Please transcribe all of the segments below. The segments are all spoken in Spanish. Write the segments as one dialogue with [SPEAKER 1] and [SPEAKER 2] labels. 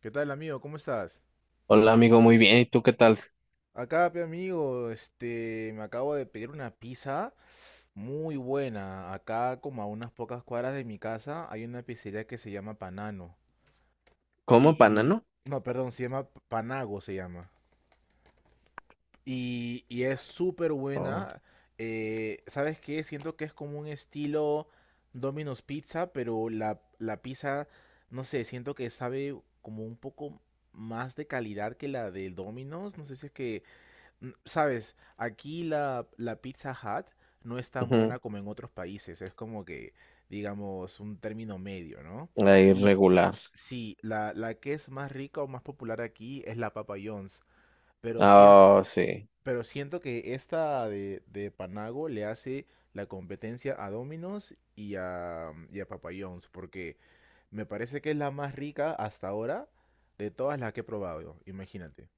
[SPEAKER 1] ¿Qué tal, amigo? ¿Cómo estás?
[SPEAKER 2] Hola amigo, muy bien. ¿Y tú qué tal?
[SPEAKER 1] Acá, pe amigo, me acabo de pedir una pizza muy buena. Acá, como a unas pocas cuadras de mi casa, hay una pizzería que se llama Panano.
[SPEAKER 2] ¿Cómo
[SPEAKER 1] Y
[SPEAKER 2] banano?
[SPEAKER 1] no, perdón, se llama Panago, se llama. Y es súper
[SPEAKER 2] Oh,
[SPEAKER 1] buena. ¿Sabes qué? Siento que es como un estilo Domino's Pizza, pero la pizza, no sé, siento que sabe como un poco más de calidad que la del Domino's. No sé si es que sabes, aquí la Pizza Hut no es tan buena
[SPEAKER 2] ujú.
[SPEAKER 1] como en otros países, es como que, digamos, un término medio, ¿no?
[SPEAKER 2] Ahí
[SPEAKER 1] Y
[SPEAKER 2] regular.
[SPEAKER 1] sí, la que es más rica o más popular aquí es la Papa John's, pero siento,
[SPEAKER 2] Ah, sí.
[SPEAKER 1] pero siento que esta de Panago le hace la competencia a Domino's y a Papa John's, porque me parece que es la más rica hasta ahora de todas las que he probado, imagínate.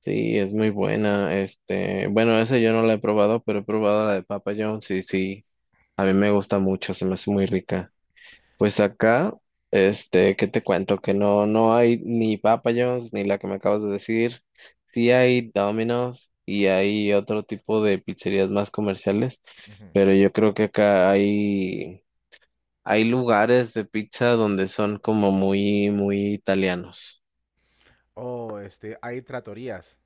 [SPEAKER 2] Sí, es muy buena. Este, bueno, esa yo no la he probado, pero he probado la de Papa John. Sí, sí. A mí me gusta mucho, se me hace muy rica. Pues acá, este, ¿qué te cuento? Que no, no hay ni Papa John's ni la que me acabas de decir. Sí hay Domino's y hay otro tipo de pizzerías más comerciales,
[SPEAKER 1] Ujú.
[SPEAKER 2] pero yo creo que acá hay lugares de pizza donde son como muy, muy italianos.
[SPEAKER 1] Oh, hay tratorías.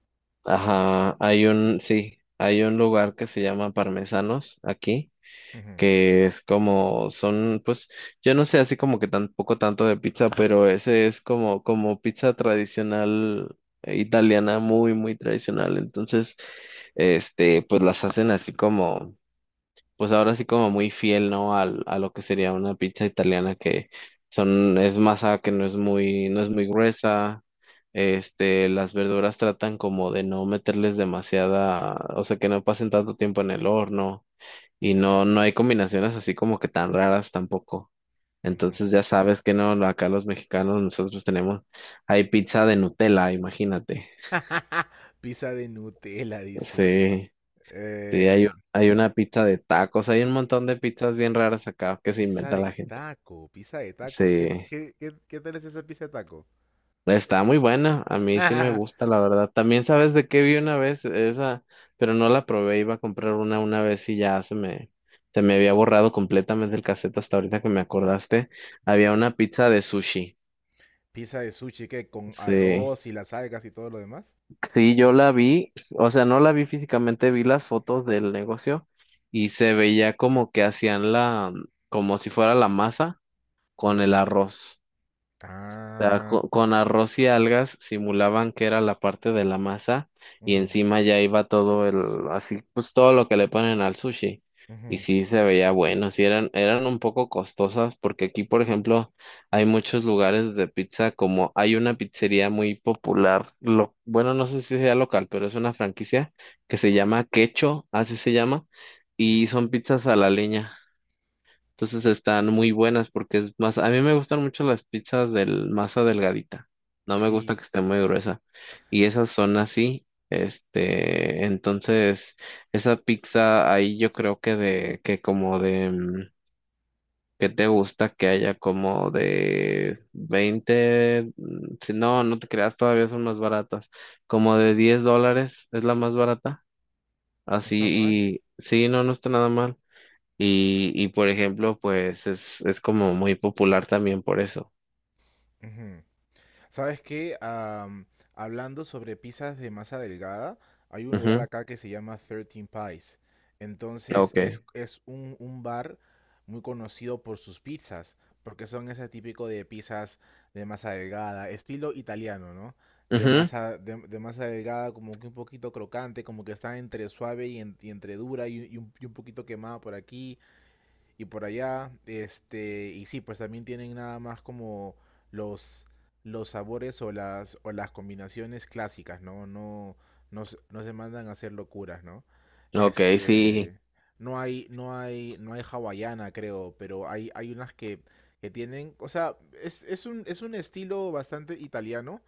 [SPEAKER 2] Ajá, hay un, sí, hay un lugar que se llama Parmesanos aquí,
[SPEAKER 1] Ujú.
[SPEAKER 2] que es como, son, pues, yo no sé así como que tampoco tanto de pizza, pero ese es como pizza tradicional, italiana, muy, muy tradicional. Entonces, este, pues las hacen así como pues ahora sí como muy fiel, ¿no? A lo que sería una pizza italiana que son, es masa que no es muy gruesa. Este, las verduras tratan como de no meterles demasiada, o sea, que no pasen tanto tiempo en el horno y no, no hay combinaciones así como que tan raras tampoco.
[SPEAKER 1] Ujú.
[SPEAKER 2] Entonces ya sabes que no, acá los mexicanos nosotros tenemos, hay pizza de Nutella, imagínate.
[SPEAKER 1] Pizza de Nutella, dice.
[SPEAKER 2] Sí, sí,
[SPEAKER 1] Eh,
[SPEAKER 2] hay una pizza de tacos, hay un montón de pizzas bien raras acá que se
[SPEAKER 1] pizza
[SPEAKER 2] inventa la
[SPEAKER 1] de
[SPEAKER 2] gente.
[SPEAKER 1] taco, pizza de
[SPEAKER 2] Sí,
[SPEAKER 1] taco. ¿Qué tal es esa pizza de taco?
[SPEAKER 2] está muy buena, a mí sí me gusta, la verdad. También sabes de qué vi una vez esa, pero no la probé, iba a comprar una vez y ya se me había borrado completamente el cassette hasta ahorita que me acordaste. Había
[SPEAKER 1] ¿Cuál?
[SPEAKER 2] una pizza de sushi.
[SPEAKER 1] Pizza de sushi, que con
[SPEAKER 2] Sí,
[SPEAKER 1] arroz y las algas y todo lo demás.
[SPEAKER 2] sí, yo la vi, o sea, no la vi físicamente, vi las fotos del negocio y se veía como que hacían la, como si fuera la masa con el
[SPEAKER 1] Ujú.
[SPEAKER 2] arroz. Sea,
[SPEAKER 1] Ah,
[SPEAKER 2] con, arroz y algas simulaban que era la parte de la masa y
[SPEAKER 1] ujú,
[SPEAKER 2] encima ya iba todo el, así, pues todo lo que le ponen al sushi. Y
[SPEAKER 1] ujú.
[SPEAKER 2] sí se veía bueno, sí eran un poco costosas porque aquí, por ejemplo, hay muchos lugares de pizza como hay una pizzería muy popular, bueno, no sé si sea local, pero es una franquicia que se llama Quecho, así se llama,
[SPEAKER 1] Qué
[SPEAKER 2] y
[SPEAKER 1] chu-
[SPEAKER 2] son pizzas a la leña. Entonces están muy buenas porque es más, a mí me gustan mucho las pizzas del masa delgadita. No me gusta
[SPEAKER 1] Sí,
[SPEAKER 2] que esté muy gruesa. Y esas son así. Este, entonces, esa pizza ahí yo creo que de, que como de, ¿qué te gusta? Que haya como de 20 si no, no te creas, todavía son más baratas. Como de $10 es la más barata.
[SPEAKER 1] no está mal.
[SPEAKER 2] Así, y sí, no, no está nada mal. Y por ejemplo, pues es como muy popular también por eso.
[SPEAKER 1] ¿Sabes qué? Hablando sobre pizzas de masa delgada, hay un lugar
[SPEAKER 2] Ujú.
[SPEAKER 1] acá que se llama 13 Pies. Entonces
[SPEAKER 2] Ok.
[SPEAKER 1] es un bar muy conocido por sus pizzas, porque son ese típico de pizzas de masa delgada, estilo italiano, ¿no? De masa, de masa delgada, como que un poquito crocante, como que está entre suave y entre dura y un poquito quemada por aquí y por allá. Y sí, pues también tienen nada más como los, los sabores o las, combinaciones clásicas, ¿no? No, no, no se mandan a hacer locuras, ¿no?
[SPEAKER 2] Ujú, ok, sí.
[SPEAKER 1] Este, no hay hawaiana, creo, pero hay unas que tienen, o sea, es un estilo bastante italiano,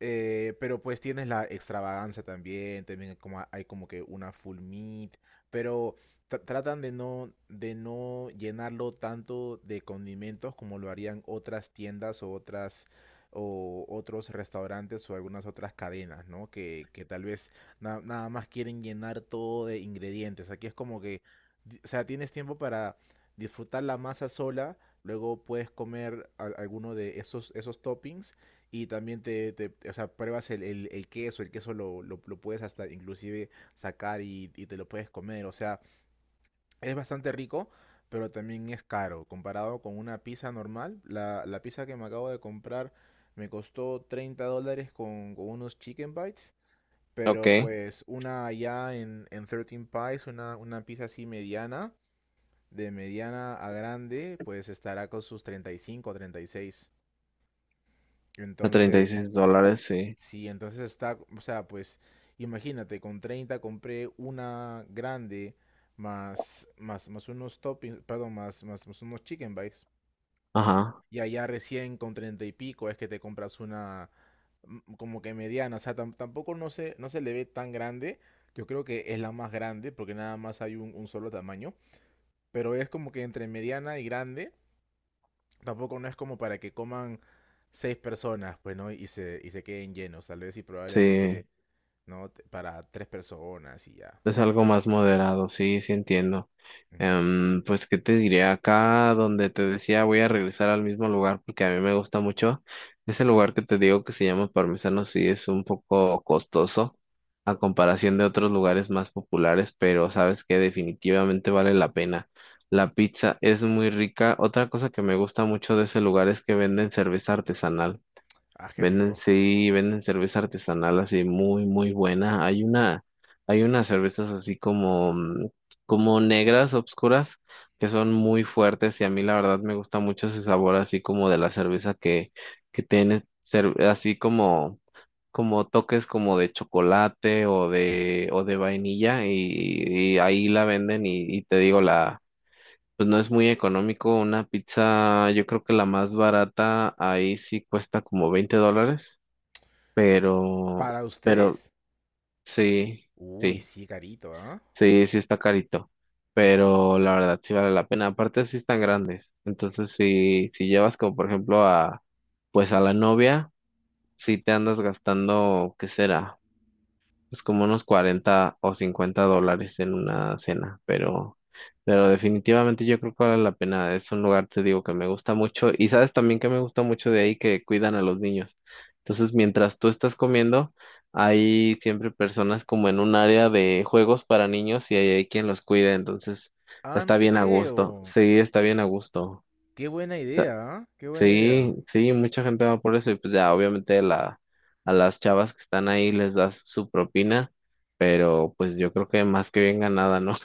[SPEAKER 1] pero pues tienes la extravagancia también, también hay como que una full meat, pero tratan de no llenarlo tanto de condimentos como lo harían otras tiendas o otras o otros restaurantes o algunas otras cadenas, ¿no? Que tal vez nada más quieren llenar todo de ingredientes. Aquí es como que, o sea, tienes tiempo para disfrutar la masa sola, luego puedes comer alguno de esos toppings y también te o sea, pruebas el, el queso, el queso lo puedes hasta inclusive sacar y te lo puedes comer. O sea, es bastante rico, pero también es caro. Comparado con una pizza normal, la pizza que me acabo de comprar me costó $30 con unos chicken bites, pero
[SPEAKER 2] Ok.
[SPEAKER 1] pues una allá en 13 Pies, una pizza así mediana, de mediana a grande, pues estará con sus 35 o 36.
[SPEAKER 2] A treinta y
[SPEAKER 1] Entonces,
[SPEAKER 2] seis dólares, sí.
[SPEAKER 1] sí, entonces está, o sea, pues imagínate, con 30 compré una grande más unos toppings, perdón, más unos chicken bites.
[SPEAKER 2] Ajá.
[SPEAKER 1] Y allá recién con 30 y pico es que te compras una, como que mediana, o sea, tampoco no se le ve tan grande. Yo creo que es la más grande porque nada más hay un solo tamaño. Pero es como que entre mediana y grande, tampoco no es como para que coman seis personas, pues, ¿no? Y se queden llenos, tal vez y probablemente.
[SPEAKER 2] Sí.
[SPEAKER 1] ¿No? Para tres personas y ya.
[SPEAKER 2] Es algo más moderado, sí, sí entiendo.
[SPEAKER 1] Ujú.
[SPEAKER 2] Pues, ¿qué te diré? Acá donde te decía voy a regresar al mismo lugar porque a mí me gusta mucho. Ese lugar que te digo que se llama Parmesano sí es un poco costoso a comparación de otros lugares más populares, pero sabes que definitivamente vale la pena. La pizza es muy rica. Otra cosa que me gusta mucho de ese lugar es que venden cerveza artesanal.
[SPEAKER 1] Ah, qué
[SPEAKER 2] Venden,
[SPEAKER 1] rico.
[SPEAKER 2] sí, venden cerveza artesanal así muy, muy buena. Hay unas cervezas así como, como negras, obscuras, que son muy fuertes y a mí la verdad me gusta mucho ese sabor así como de la cerveza que tiene, así como, como toques como de chocolate o de vainilla y ahí la venden y te digo la, pues no es muy económico. Una pizza, yo creo que la más barata ahí sí cuesta como $20, pero,
[SPEAKER 1] ¿Para
[SPEAKER 2] pero
[SPEAKER 1] ustedes?
[SPEAKER 2] sí,
[SPEAKER 1] Uy,
[SPEAKER 2] sí,
[SPEAKER 1] sí, carito, ¿ah?
[SPEAKER 2] sí, sí está carito, pero la verdad sí vale la pena, aparte sí están grandes, entonces si, si llevas como por ejemplo pues a la novia, sí te andas gastando, ¿qué será? Pues como unos 40 o 50 dólares en una cena, pero definitivamente yo creo que vale la pena. Es un lugar, te digo, que me gusta mucho. Y sabes también que me gusta mucho de ahí que cuidan a los niños. Entonces, mientras tú estás comiendo, hay siempre personas como en un área de juegos para niños y hay quien los cuida. Entonces,
[SPEAKER 1] Ah, no
[SPEAKER 2] está
[SPEAKER 1] te
[SPEAKER 2] bien a gusto.
[SPEAKER 1] creo.
[SPEAKER 2] Sí, está bien a gusto.
[SPEAKER 1] Qué buena idea, ¿ah? Qué buena
[SPEAKER 2] Sí,
[SPEAKER 1] idea.
[SPEAKER 2] sí, mucha gente va por eso y pues ya obviamente a las chavas que están ahí les das su propina, pero pues yo creo que más que bien ganada, ¿no?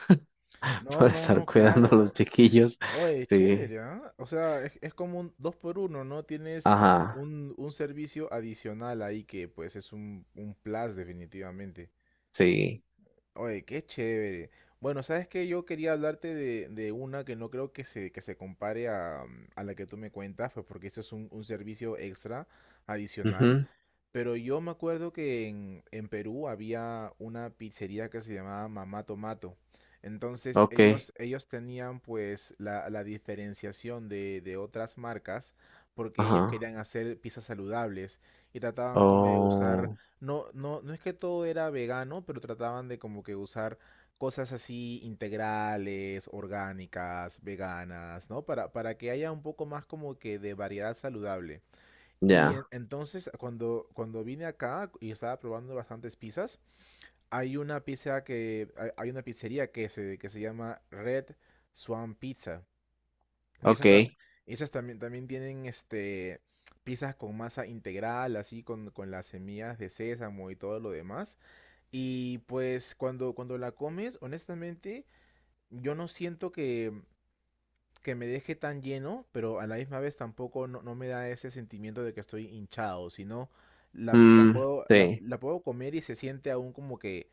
[SPEAKER 1] No,
[SPEAKER 2] Por
[SPEAKER 1] no,
[SPEAKER 2] estar
[SPEAKER 1] no,
[SPEAKER 2] cuidando a los
[SPEAKER 1] claro.
[SPEAKER 2] chiquillos.
[SPEAKER 1] Oye,
[SPEAKER 2] Sí,
[SPEAKER 1] chévere, ¿ah? O sea, es como un dos por uno, ¿no? Tienes
[SPEAKER 2] ajá,
[SPEAKER 1] un servicio adicional ahí que pues es un plus definitivamente.
[SPEAKER 2] sí,
[SPEAKER 1] Oye, qué chévere. Bueno, sabes que yo quería hablarte de una que no creo que se compare a la que tú me cuentas, pues porque esto es un servicio extra adicional.
[SPEAKER 2] mhm,
[SPEAKER 1] Pero yo me acuerdo que en Perú había una pizzería que se llamaba Mamá Tomato. Entonces
[SPEAKER 2] ok,
[SPEAKER 1] ellos tenían pues la diferenciación de otras marcas porque ellos
[SPEAKER 2] ajá,
[SPEAKER 1] querían hacer pizzas saludables y trataban como de usar,
[SPEAKER 2] oh,
[SPEAKER 1] no, no, no es que todo era vegano, pero trataban de como que usar cosas así integrales, orgánicas, veganas, ¿no? Para que haya un poco más como que de variedad saludable. Y
[SPEAKER 2] ya,
[SPEAKER 1] entonces, cuando vine acá y estaba probando bastantes pizzas, hay una pizzería que se llama Red Swan Pizza. Y esas,
[SPEAKER 2] ok,
[SPEAKER 1] esas también tienen pizzas con masa integral, así con las semillas de sésamo y todo lo demás. Y pues cuando, cuando la comes, honestamente, yo no siento que me deje tan lleno, pero a la misma vez tampoco no, no me da ese sentimiento de que estoy hinchado, sino la, la
[SPEAKER 2] mm,
[SPEAKER 1] puedo, la,
[SPEAKER 2] sí,
[SPEAKER 1] la puedo comer y se siente aún como que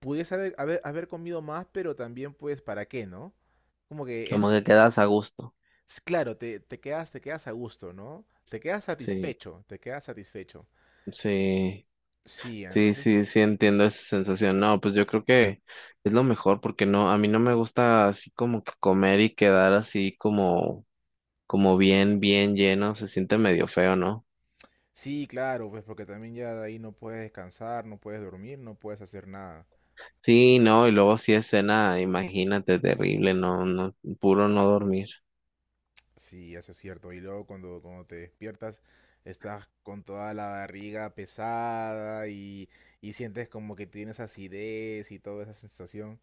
[SPEAKER 1] pudiese haber, haber comido más, pero también pues para qué, ¿no? Como que
[SPEAKER 2] como
[SPEAKER 1] es,
[SPEAKER 2] que quedas a gusto,
[SPEAKER 1] es claro, te, te quedas a gusto, ¿no? Te quedas
[SPEAKER 2] sí,
[SPEAKER 1] satisfecho, te quedas satisfecho.
[SPEAKER 2] sí.
[SPEAKER 1] Sí,
[SPEAKER 2] Sí,
[SPEAKER 1] entonces, pues,
[SPEAKER 2] sí, sí entiendo esa sensación. No, pues yo creo que es lo mejor porque no, a mí no me gusta así como que comer y quedar así como, como bien, bien lleno, se siente medio feo, ¿no?
[SPEAKER 1] sí, claro, pues porque también ya de ahí no puedes descansar, no puedes dormir, no puedes hacer nada.
[SPEAKER 2] Sí, no, y luego si es cena, imagínate, terrible, no, no, puro no dormir.
[SPEAKER 1] Sí, eso es cierto. Y luego cuando, cuando te despiertas, estás con toda la barriga pesada y sientes como que tienes acidez y toda esa sensación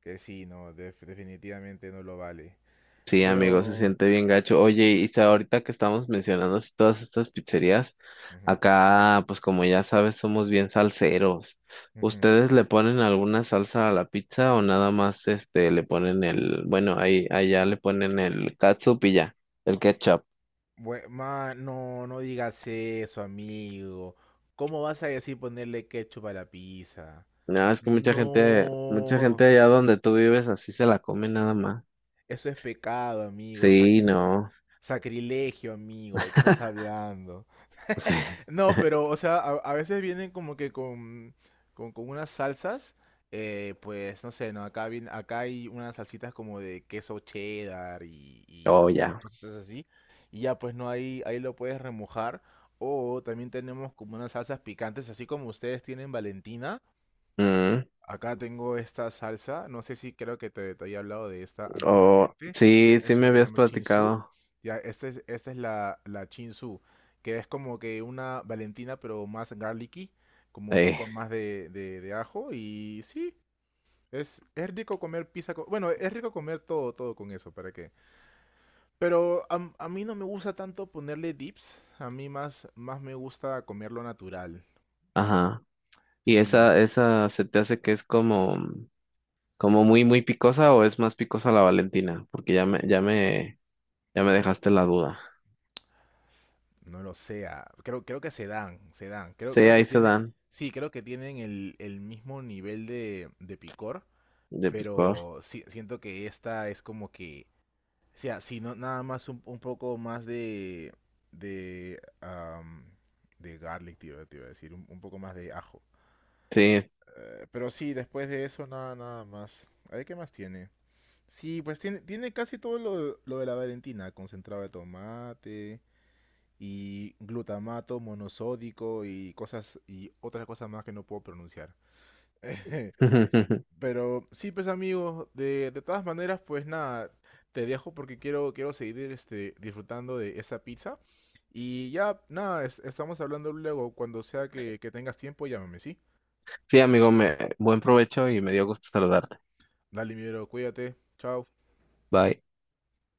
[SPEAKER 1] que sí, no, definitivamente no lo vale.
[SPEAKER 2] Sí, amigo, se
[SPEAKER 1] Pero.
[SPEAKER 2] siente bien gacho. Oye, y ahorita que estamos mencionando así todas estas pizzerías,
[SPEAKER 1] Ujú,
[SPEAKER 2] acá, pues como ya sabes, somos bien salseros.
[SPEAKER 1] ujú.
[SPEAKER 2] ¿Ustedes le ponen alguna salsa a la pizza o nada más este le ponen el, bueno, ahí allá le ponen el catsup y ya, el ketchup?
[SPEAKER 1] No, no digas eso, amigo. ¿Cómo vas a decir ponerle ketchup a la pizza?
[SPEAKER 2] No, es que mucha
[SPEAKER 1] No,
[SPEAKER 2] gente allá donde tú vives así se la come nada más.
[SPEAKER 1] eso es pecado, amigo. sac-
[SPEAKER 2] Sí, no.
[SPEAKER 1] sacrilegio, amigo. ¿De qué estás hablando?
[SPEAKER 2] Sí.
[SPEAKER 1] No, pero, o sea, a veces vienen como que con, con unas salsas, pues, no sé, no, acá hay unas salsitas como de queso cheddar y
[SPEAKER 2] Oh, ya.
[SPEAKER 1] cosas así, y ya, pues, no, ahí lo puedes remojar, o también tenemos como unas salsas picantes, así como ustedes tienen Valentina.
[SPEAKER 2] Mm.
[SPEAKER 1] Acá tengo esta salsa, no sé si creo que te había hablado de esta
[SPEAKER 2] Oh,
[SPEAKER 1] anteriormente, e-
[SPEAKER 2] sí, sí
[SPEAKER 1] es,
[SPEAKER 2] me
[SPEAKER 1] una que se
[SPEAKER 2] habías
[SPEAKER 1] llama Chinsu,
[SPEAKER 2] platicado.
[SPEAKER 1] ya, esta es la Chinsu, que es como que una Valentina pero más garlicky, como un
[SPEAKER 2] Sí.
[SPEAKER 1] poco más de ajo y sí, es rico comer pizza, bueno, es rico comer todo, todo con eso, ¿para qué? Pero a mí no me gusta tanto ponerle dips, a mí más me gusta comerlo natural,
[SPEAKER 2] Ajá. ¿Y
[SPEAKER 1] sí.
[SPEAKER 2] esa se te hace que es como, como muy, muy picosa o es más picosa la Valentina? Porque ya me dejaste la duda.
[SPEAKER 1] No lo sea. Creo que se dan, se dan. Creo,
[SPEAKER 2] Sí,
[SPEAKER 1] creo que
[SPEAKER 2] ahí se
[SPEAKER 1] tiene,
[SPEAKER 2] dan
[SPEAKER 1] sí, creo que tienen el mismo nivel de picor,
[SPEAKER 2] de picor.
[SPEAKER 1] pero sí, siento que esta es como que, o sea, si no, nada más un poco más de, de, am, de garlic, te iba a decir, un poco más de ajo.
[SPEAKER 2] Sí.
[SPEAKER 1] Pero sí, después de eso, nada más. A ver, ¿qué más tiene? Sí, pues tiene casi todo lo de la Valentina, concentrado de tomate y glutamato monosódico y cosas y otras cosas más que no puedo pronunciar. Pero sí, pues amigos, de todas maneras, pues nada, te dejo porque quiero seguir disfrutando de esta pizza. Y ya, nada, estamos hablando luego. Cuando sea que tengas tiempo, llámame, ¿sí?
[SPEAKER 2] Sí, amigo, buen provecho y me dio gusto saludarte.
[SPEAKER 1] Dale, mi bro, cuídate. Chao.
[SPEAKER 2] Bye.